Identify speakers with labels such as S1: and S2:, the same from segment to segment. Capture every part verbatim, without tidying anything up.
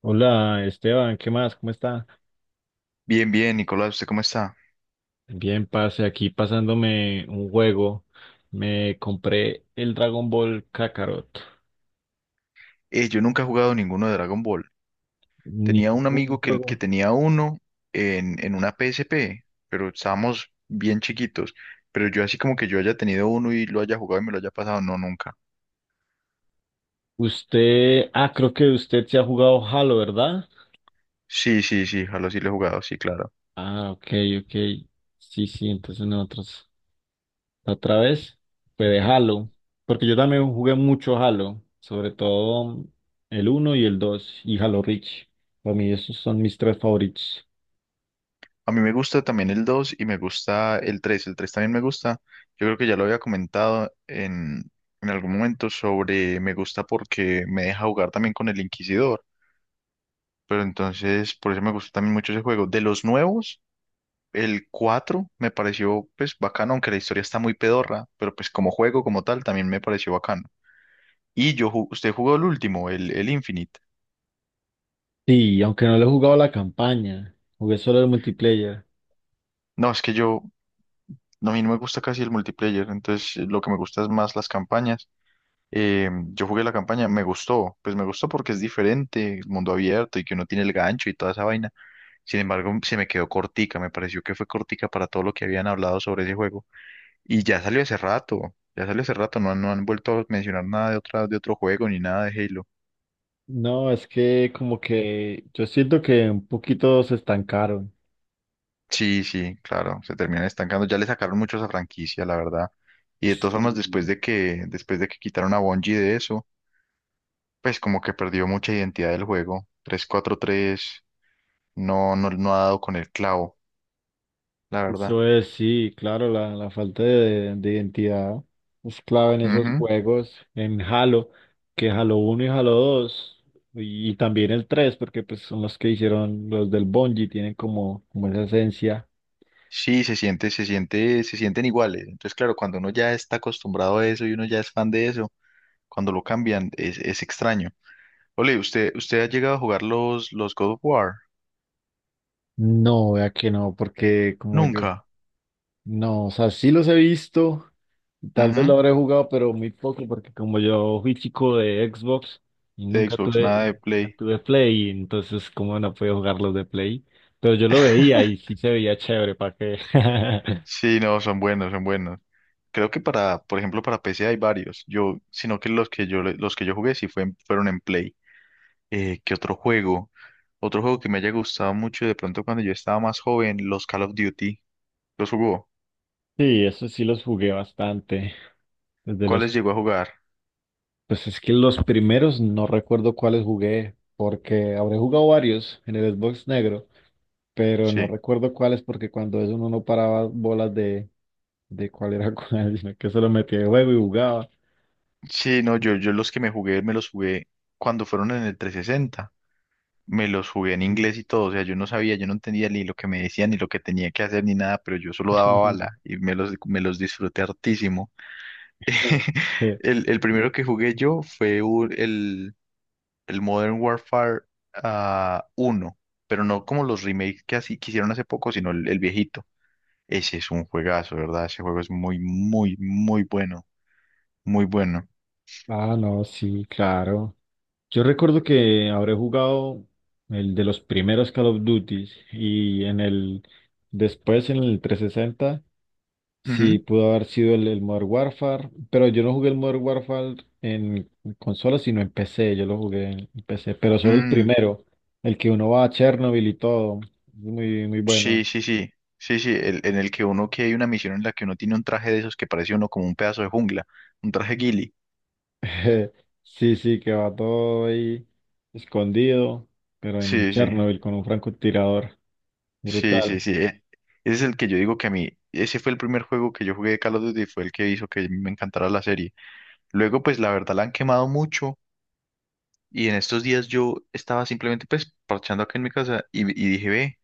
S1: Hola Esteban, ¿qué más? ¿Cómo está?
S2: Bien, bien, Nicolás, ¿usted cómo está?
S1: Bien, pase aquí pasándome un juego. Me compré el Dragon Ball Kakarot.
S2: Eh, yo nunca he jugado ninguno de Dragon Ball. Tenía un
S1: Ningún
S2: amigo que, que
S1: juego.
S2: tenía uno en, en una P S P, pero estábamos bien chiquitos. Pero yo así como que yo haya tenido uno y lo haya jugado y me lo haya pasado, no, nunca.
S1: Usted, ah, creo que usted se ha jugado Halo, ¿verdad?
S2: Sí, sí, sí, Halo sí lo he jugado, sí, claro.
S1: Ah, ok, ok. Sí, sí, entonces nosotros la otra vez fue de Halo. Porque yo también jugué mucho Halo, sobre todo el uno y el dos y Halo Reach. Para mí esos son mis tres favoritos.
S2: A mí me gusta también el dos y me gusta el tres. El tres también me gusta. Yo creo que ya lo había comentado en, en algún momento sobre me gusta porque me deja jugar también con el Inquisidor. Pero entonces, por eso me gusta también mucho ese juego. De los nuevos, el cuatro me pareció pues bacano, aunque la historia está muy pedorra, pero pues como juego como tal también me pareció bacano. Y yo, ju- usted jugó el último, el, el Infinite.
S1: Sí, aunque no le he jugado la campaña, jugué solo el multiplayer.
S2: No, es que yo, no, a mí no me gusta casi el multiplayer, entonces eh, lo que me gusta es más las campañas. Eh, yo jugué la campaña, me gustó, pues me gustó porque es diferente, el mundo abierto y que uno tiene el gancho y toda esa vaina. Sin embargo, se me quedó cortica, me pareció que fue cortica para todo lo que habían hablado sobre ese juego. Y ya salió hace rato, ya salió hace rato, no, han- no han vuelto a mencionar nada de otra, de otro juego ni nada de Halo.
S1: No, es que como que yo siento que un poquito se estancaron.
S2: Sí, sí, claro, se terminan estancando. Ya le sacaron mucho a esa franquicia, la verdad. Y de todas formas,
S1: Sí,
S2: después de que, después de que quitaron a Bungie de eso, pues como que perdió mucha identidad del juego. Tres cuatro tres, no, no, no ha dado con el clavo, la verdad.
S1: eso es, sí, claro, la, la falta de, de identidad es clave en esos
S2: Ujú.
S1: juegos, en Halo, que Halo uno y Halo dos y, y también el tres, porque pues son los que hicieron los del Bungie, tienen como, como esa esencia.
S2: Sí, se siente, se siente, se sienten iguales. Entonces, claro, cuando uno ya está acostumbrado a eso y uno ya es fan de eso, cuando lo cambian, es, es extraño. Ole, ¿usted, usted ha llegado a jugar los, los God of War?
S1: No, vea que no, porque como yo.
S2: Nunca.
S1: No, o sea, sí los he visto, tal vez lo
S2: Ujú.
S1: habré jugado, pero muy poco, porque como yo fui chico de Xbox y
S2: De
S1: nunca
S2: Xbox,
S1: tuve,
S2: nada de
S1: nunca
S2: Play.
S1: tuve Play, entonces como no podía jugar los de Play, pero yo lo veía y sí se veía chévere, ¿para qué?
S2: Sí, no, son buenos, son buenos. Creo que para, por ejemplo, para P C hay varios. Yo, sino que los que yo le- los que yo jugué sí fue en- fueron en Play. Eh, ¿qué otro juego? Otro juego que me haya gustado mucho de pronto cuando yo estaba más joven, los Call of Duty. ¿Los jugó?
S1: Sí, eso sí los jugué bastante, desde
S2: ¿Cuáles
S1: los.
S2: llegó a jugar?
S1: Pues es que los primeros no recuerdo cuáles jugué, porque habré jugado varios en el Xbox negro, pero no
S2: Sí.
S1: recuerdo cuáles porque cuando eso uno no paraba bolas de, de cuál era cuál, sino que se lo metía de juego y jugaba.
S2: Sí, no, yo, yo los que me jugué, me los jugué cuando fueron en el trescientos sesenta. Me los jugué en inglés y todo, o sea, yo no sabía, yo no entendía ni lo que me decían, ni lo que tenía que hacer, ni nada, pero yo solo daba bala y me los, me los disfruté hartísimo.
S1: Eh,
S2: El, el primero que jugué yo fue un- el, el Modern Warfare ah, uno, pero no como los remakes que así que hicieron hace poco, sino el, el viejito. Ese es un juegazo, ¿verdad? Ese juego es muy, muy, muy bueno, muy bueno.
S1: ah, no, sí, claro. Yo recuerdo que habré jugado el de los primeros Call of Duty y en el después en el trescientos sesenta. Sí,
S2: Ujú.
S1: pudo haber sido el, el Modern Warfare, pero yo no jugué el Modern Warfare en consola, sino en P C, yo lo jugué en en P C, pero solo el
S2: Mm,
S1: primero, el que uno va a Chernobyl y todo, es muy, muy
S2: sí,
S1: bueno.
S2: sí, sí, sí, sí, el- en el que uno, que hay una misión en la que uno tiene un traje de esos que parece uno como un pedazo de jungla, un traje ghillie.
S1: Sí, sí, que va todo ahí escondido, pero en el
S2: Sí, sí,
S1: Chernobyl con un francotirador,
S2: sí, sí,
S1: brutal.
S2: sí. e- Ese es el que yo digo que a mí, ese fue el primer juego que yo jugué de Call of Duty, fue el que hizo que me encantara la serie. Luego, pues la verdad la han quemado mucho y en estos días yo estaba simplemente pues parchando acá en mi casa y, y dije, ve.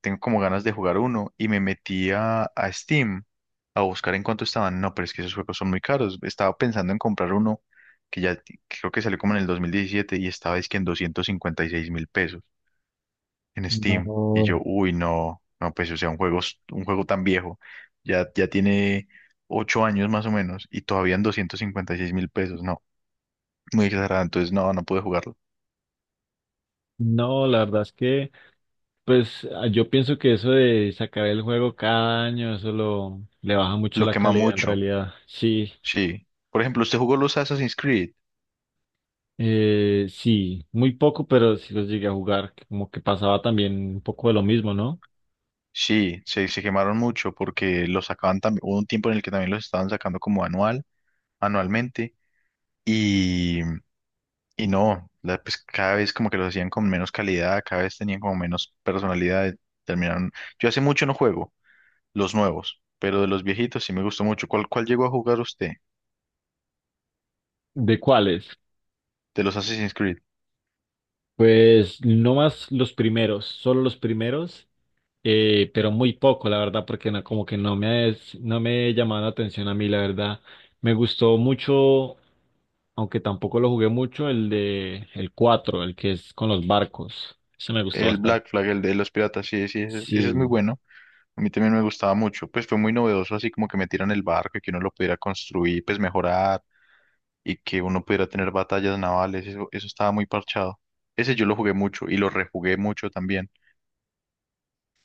S2: Tengo como ganas de jugar uno y me metí a, a Steam a buscar en cuánto estaban. No, pero es que esos juegos son muy caros. Estaba pensando en comprar uno que ya t- creo que salió como en el dos mil diecisiete y estaba es que en doscientos cincuenta y seis mil pesos en Steam. Y yo,
S1: No.
S2: uy, no, no, pues o sea, un juego, s- un juego tan viejo, ya, ya tiene ocho años más o menos y todavía en doscientos cincuenta y seis mil pesos. No, muy exagerado. Entonces, no, no pude jugarlo.
S1: No, la verdad es que, pues ah, yo pienso que eso de sacar el juego cada año, eso lo, le baja mucho
S2: Lo
S1: la
S2: quema
S1: calidad en
S2: mucho,
S1: realidad. Sí,
S2: sí. Por ejemplo, usted jugó los Assassin's Creed.
S1: eh, sí, muy poco, pero sí los llegué a jugar, que como que pasaba también un poco de lo mismo, ¿no?
S2: Sí, se, se quemaron mucho porque los sacaban también, hubo un tiempo en el que también los estaban sacando como anual, anualmente, y, y no, la- pues cada vez como que los hacían con menos calidad, cada vez tenían como menos personalidad, terminaron. Yo hace mucho no juego los nuevos, pero de los viejitos sí me gustó mucho. ¿Cuál, cuál llegó a jugar usted
S1: ¿De cuáles?
S2: de los Assassin's Creed?
S1: Pues no más los primeros, solo los primeros, eh, pero muy poco, la verdad, porque no, como que no me, es- no me llamaban la atención a mí, la verdad. Me gustó mucho, aunque tampoco lo jugué mucho, el de el cuatro el que es con los barcos. Ese me gustó
S2: El
S1: bastante.
S2: Black Flag, el de los piratas, sí, sí, ese, es ese es muy
S1: Sí,
S2: bueno. A mí también me gustaba mucho, pues fue muy novedoso, así como que metieran el barco y que uno lo pudiera construir, pues mejorar y que uno pudiera tener batallas navales, eso, eso estaba muy parchado. Ese yo lo jugué mucho y lo rejugué mucho también.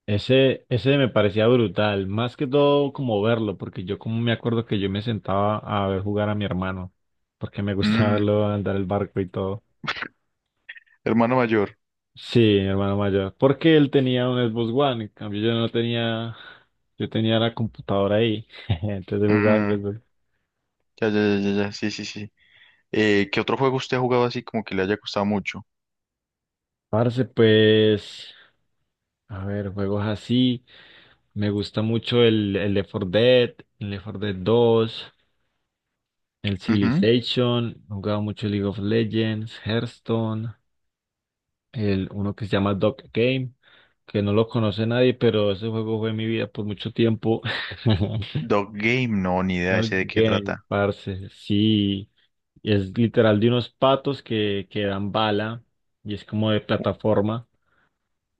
S1: ese, ese me parecía brutal, más que todo como verlo, porque yo como me acuerdo que yo me sentaba a ver jugar a mi hermano, porque me gustaba
S2: Mm,
S1: verlo andar el barco y todo.
S2: hermano mayor.
S1: Sí, mi hermano mayor, porque él tenía un Xbox One, en cambio yo no tenía, yo tenía la computadora ahí, entonces él jugaba en el
S2: Mm,
S1: Xbox.
S2: ya, ya, ya, ya, ya, sí, sí, sí. Eh, ¿qué otro juego usted ha jugado así como que le haya costado mucho?
S1: Parce, pues, a ver, juegos así. Me gusta mucho el, el Left four Dead, el Left four Dead two, el
S2: Ujú.
S1: Civilization, he jugado mucho League of Legends, Hearthstone, el uno que se llama Dog Game, que no lo conoce nadie, pero ese juego fue mi vida por mucho tiempo.
S2: Dog Game, no, ni idea
S1: Dog
S2: ese de qué
S1: Game,
S2: trata.
S1: parce, sí, es literal de unos patos que, que dan bala y es como de
S2: U-
S1: plataforma,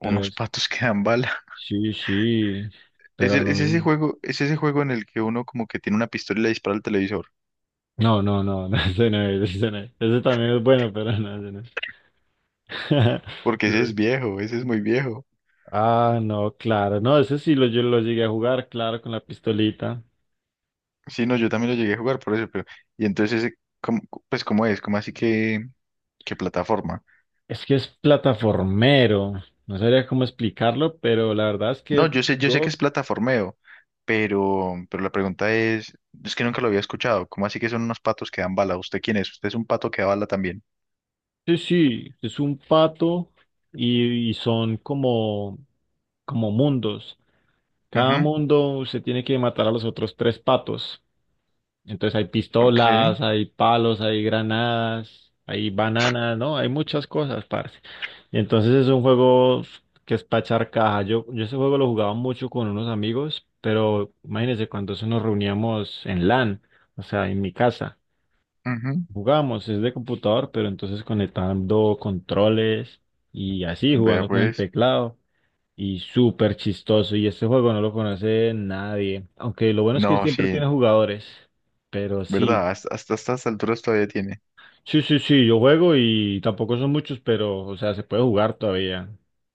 S1: pero es,
S2: patos que dan bala.
S1: sí, sí,
S2: Es,
S1: pero a
S2: el-
S1: lo
S2: es ese
S1: mismo.
S2: juego, Es ese juego en el que uno como que tiene una pistola y le dispara al televisor.
S1: No, no, no, no, ese no es, ese no es. Ese también es bueno, pero no, ese no es.
S2: Porque ese
S1: Lo-
S2: es viejo, ese es muy viejo.
S1: ah, no, claro, no, ese sí lo, yo lo llegué a jugar, claro, con la pistolita.
S2: Sí, no, yo también lo llegué a jugar por eso, pero... Y entonces, ese, ¿cómo- pues, ¿cómo es? ¿Cómo así que...? ¿Qué plataforma?
S1: Es que es plataformero, no sabría cómo explicarlo, pero la verdad es
S2: No,
S1: que
S2: yo sé, yo sé que
S1: God,
S2: es plataformeo, pero, pero la pregunta es, es que nunca lo había escuchado. ¿Cómo así que son unos patos que dan bala? ¿Usted quién es? ¿Usted es un pato que da bala también?
S1: sí, sí, es un pato y, y son como, como mundos. Cada
S2: Ujú,
S1: mundo se tiene que matar a los otros tres patos. Entonces hay
S2: ok,
S1: pistolas, hay palos, hay granadas, hay bananas, ¿no? Hay muchas cosas, parce. Y entonces es un juego que es para echar caja. Yo, yo ese juego lo jugaba mucho con unos amigos, pero imagínense cuando eso nos reuníamos en LAN, o sea, en mi casa.
S2: ujú.
S1: Jugábamos, es de computador, pero entonces conectando controles y así,
S2: Vea
S1: jugando con el
S2: pues.
S1: teclado. Y súper chistoso. Y este juego no lo conoce nadie. Aunque lo bueno es que
S2: No,
S1: siempre tiene
S2: sí,
S1: jugadores. Pero sí.
S2: ¿verdad? Hasta, hasta estas alturas todavía tiene.
S1: Sí, sí, sí, yo juego y tampoco son muchos, pero, o sea, se puede jugar todavía.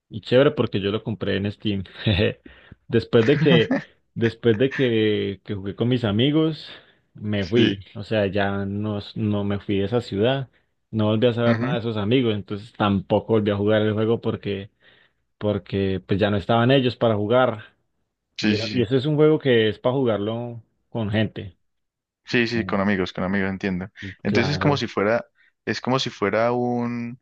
S1: Y chévere porque yo lo compré en Steam. Después de que, después de que, que jugué con mis amigos, me fui.
S2: Sí.
S1: O sea, ya no, no me fui de esa ciudad. No volví a saber nada
S2: Ujú,
S1: de esos amigos, entonces tampoco volví a jugar el juego porque, porque pues ya no estaban ellos para jugar. Y,
S2: sí,
S1: era-
S2: sí,
S1: y
S2: sí.
S1: ese es un juego que es para jugarlo con gente.
S2: Sí, sí, con amigos, con amigos, entiendo.
S1: Y
S2: Entonces es como
S1: claro.
S2: si fuera, es como si fuera un,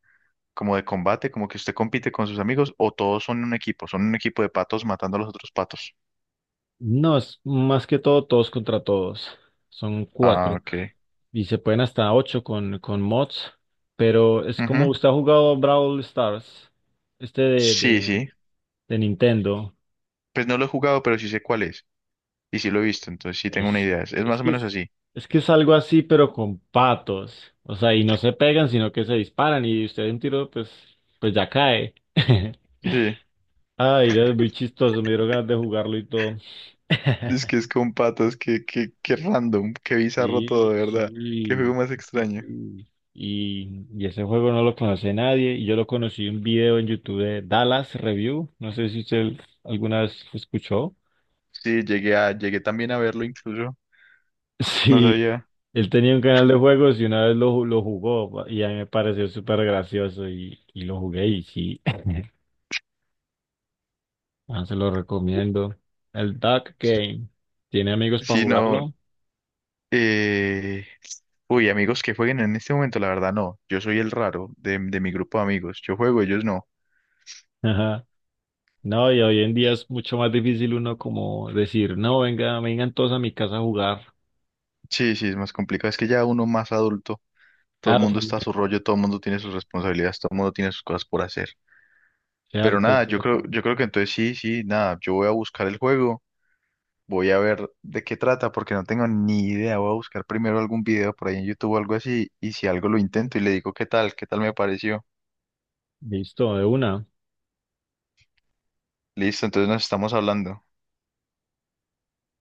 S2: como de combate, como que usted compite con sus amigos o todos son un equipo, son un equipo, de patos matando a los otros patos.
S1: No, es más que todo todos contra todos. Son
S2: Ah,
S1: cuatro.
S2: ok.
S1: Y se pueden hasta ocho con, con mods. Pero es como
S2: Ujú.
S1: usted ha jugado Brawl Stars, este de,
S2: Sí,
S1: de,
S2: sí.
S1: de Nintendo.
S2: Pues no lo he jugado, pero sí sé cuál es. Y sí lo he visto, entonces sí tengo una
S1: Es,
S2: idea. Es, es
S1: es
S2: más o
S1: que
S2: menos
S1: es,
S2: así.
S1: es que es algo así, pero con patos. O sea, y no se pegan, sino que se disparan. Y usted de un tiro, pues, pues ya cae.
S2: Sí.
S1: Ay, ya es muy chistoso. Me dieron ganas de jugarlo y todo.
S2: Es que es con patas, que que que random, qué bizarro todo,
S1: Sí,
S2: de verdad. Qué juego
S1: sí,
S2: más
S1: sí,
S2: extraño.
S1: sí. Y, y ese juego no lo conoce nadie. Y yo lo conocí en un video en YouTube de Dallas Review. No sé si usted alguna vez escuchó.
S2: Sí, llegué a, llegué también a verlo incluso. No
S1: Sí,
S2: sabía.
S1: él tenía un canal de juegos y una vez lo, ju- lo jugó y a mí me pareció súper gracioso y, y lo jugué y sí, ah, se lo recomiendo. El Duck Game, ¿tiene amigos para
S2: Sí, no.
S1: jugarlo?
S2: Eh... Uy, amigos que jueguen en este momento, la verdad no. Yo soy el raro de, de mi grupo de amigos. Yo juego, ellos no.
S1: Ajá. No, y hoy en día es mucho más difícil uno como decir, no, venga, vengan todos a mi casa a jugar.
S2: Sí, sí, es más complicado. Es que ya uno más adulto, todo el
S1: Claro,
S2: mundo está a
S1: también.
S2: su rollo, todo el mundo tiene sus responsabilidades, todo el mundo tiene sus cosas por hacer. Pero
S1: Cierto,
S2: nada, yo creo,
S1: cierto.
S2: yo creo que entonces sí, sí, nada, yo voy a buscar el juego, voy a ver de qué trata, porque no tengo ni idea, voy a buscar primero algún video por ahí en YouTube o algo así, y si algo lo intento y le digo qué tal, qué tal me pareció.
S1: Listo, de una.
S2: Listo, entonces nos estamos hablando.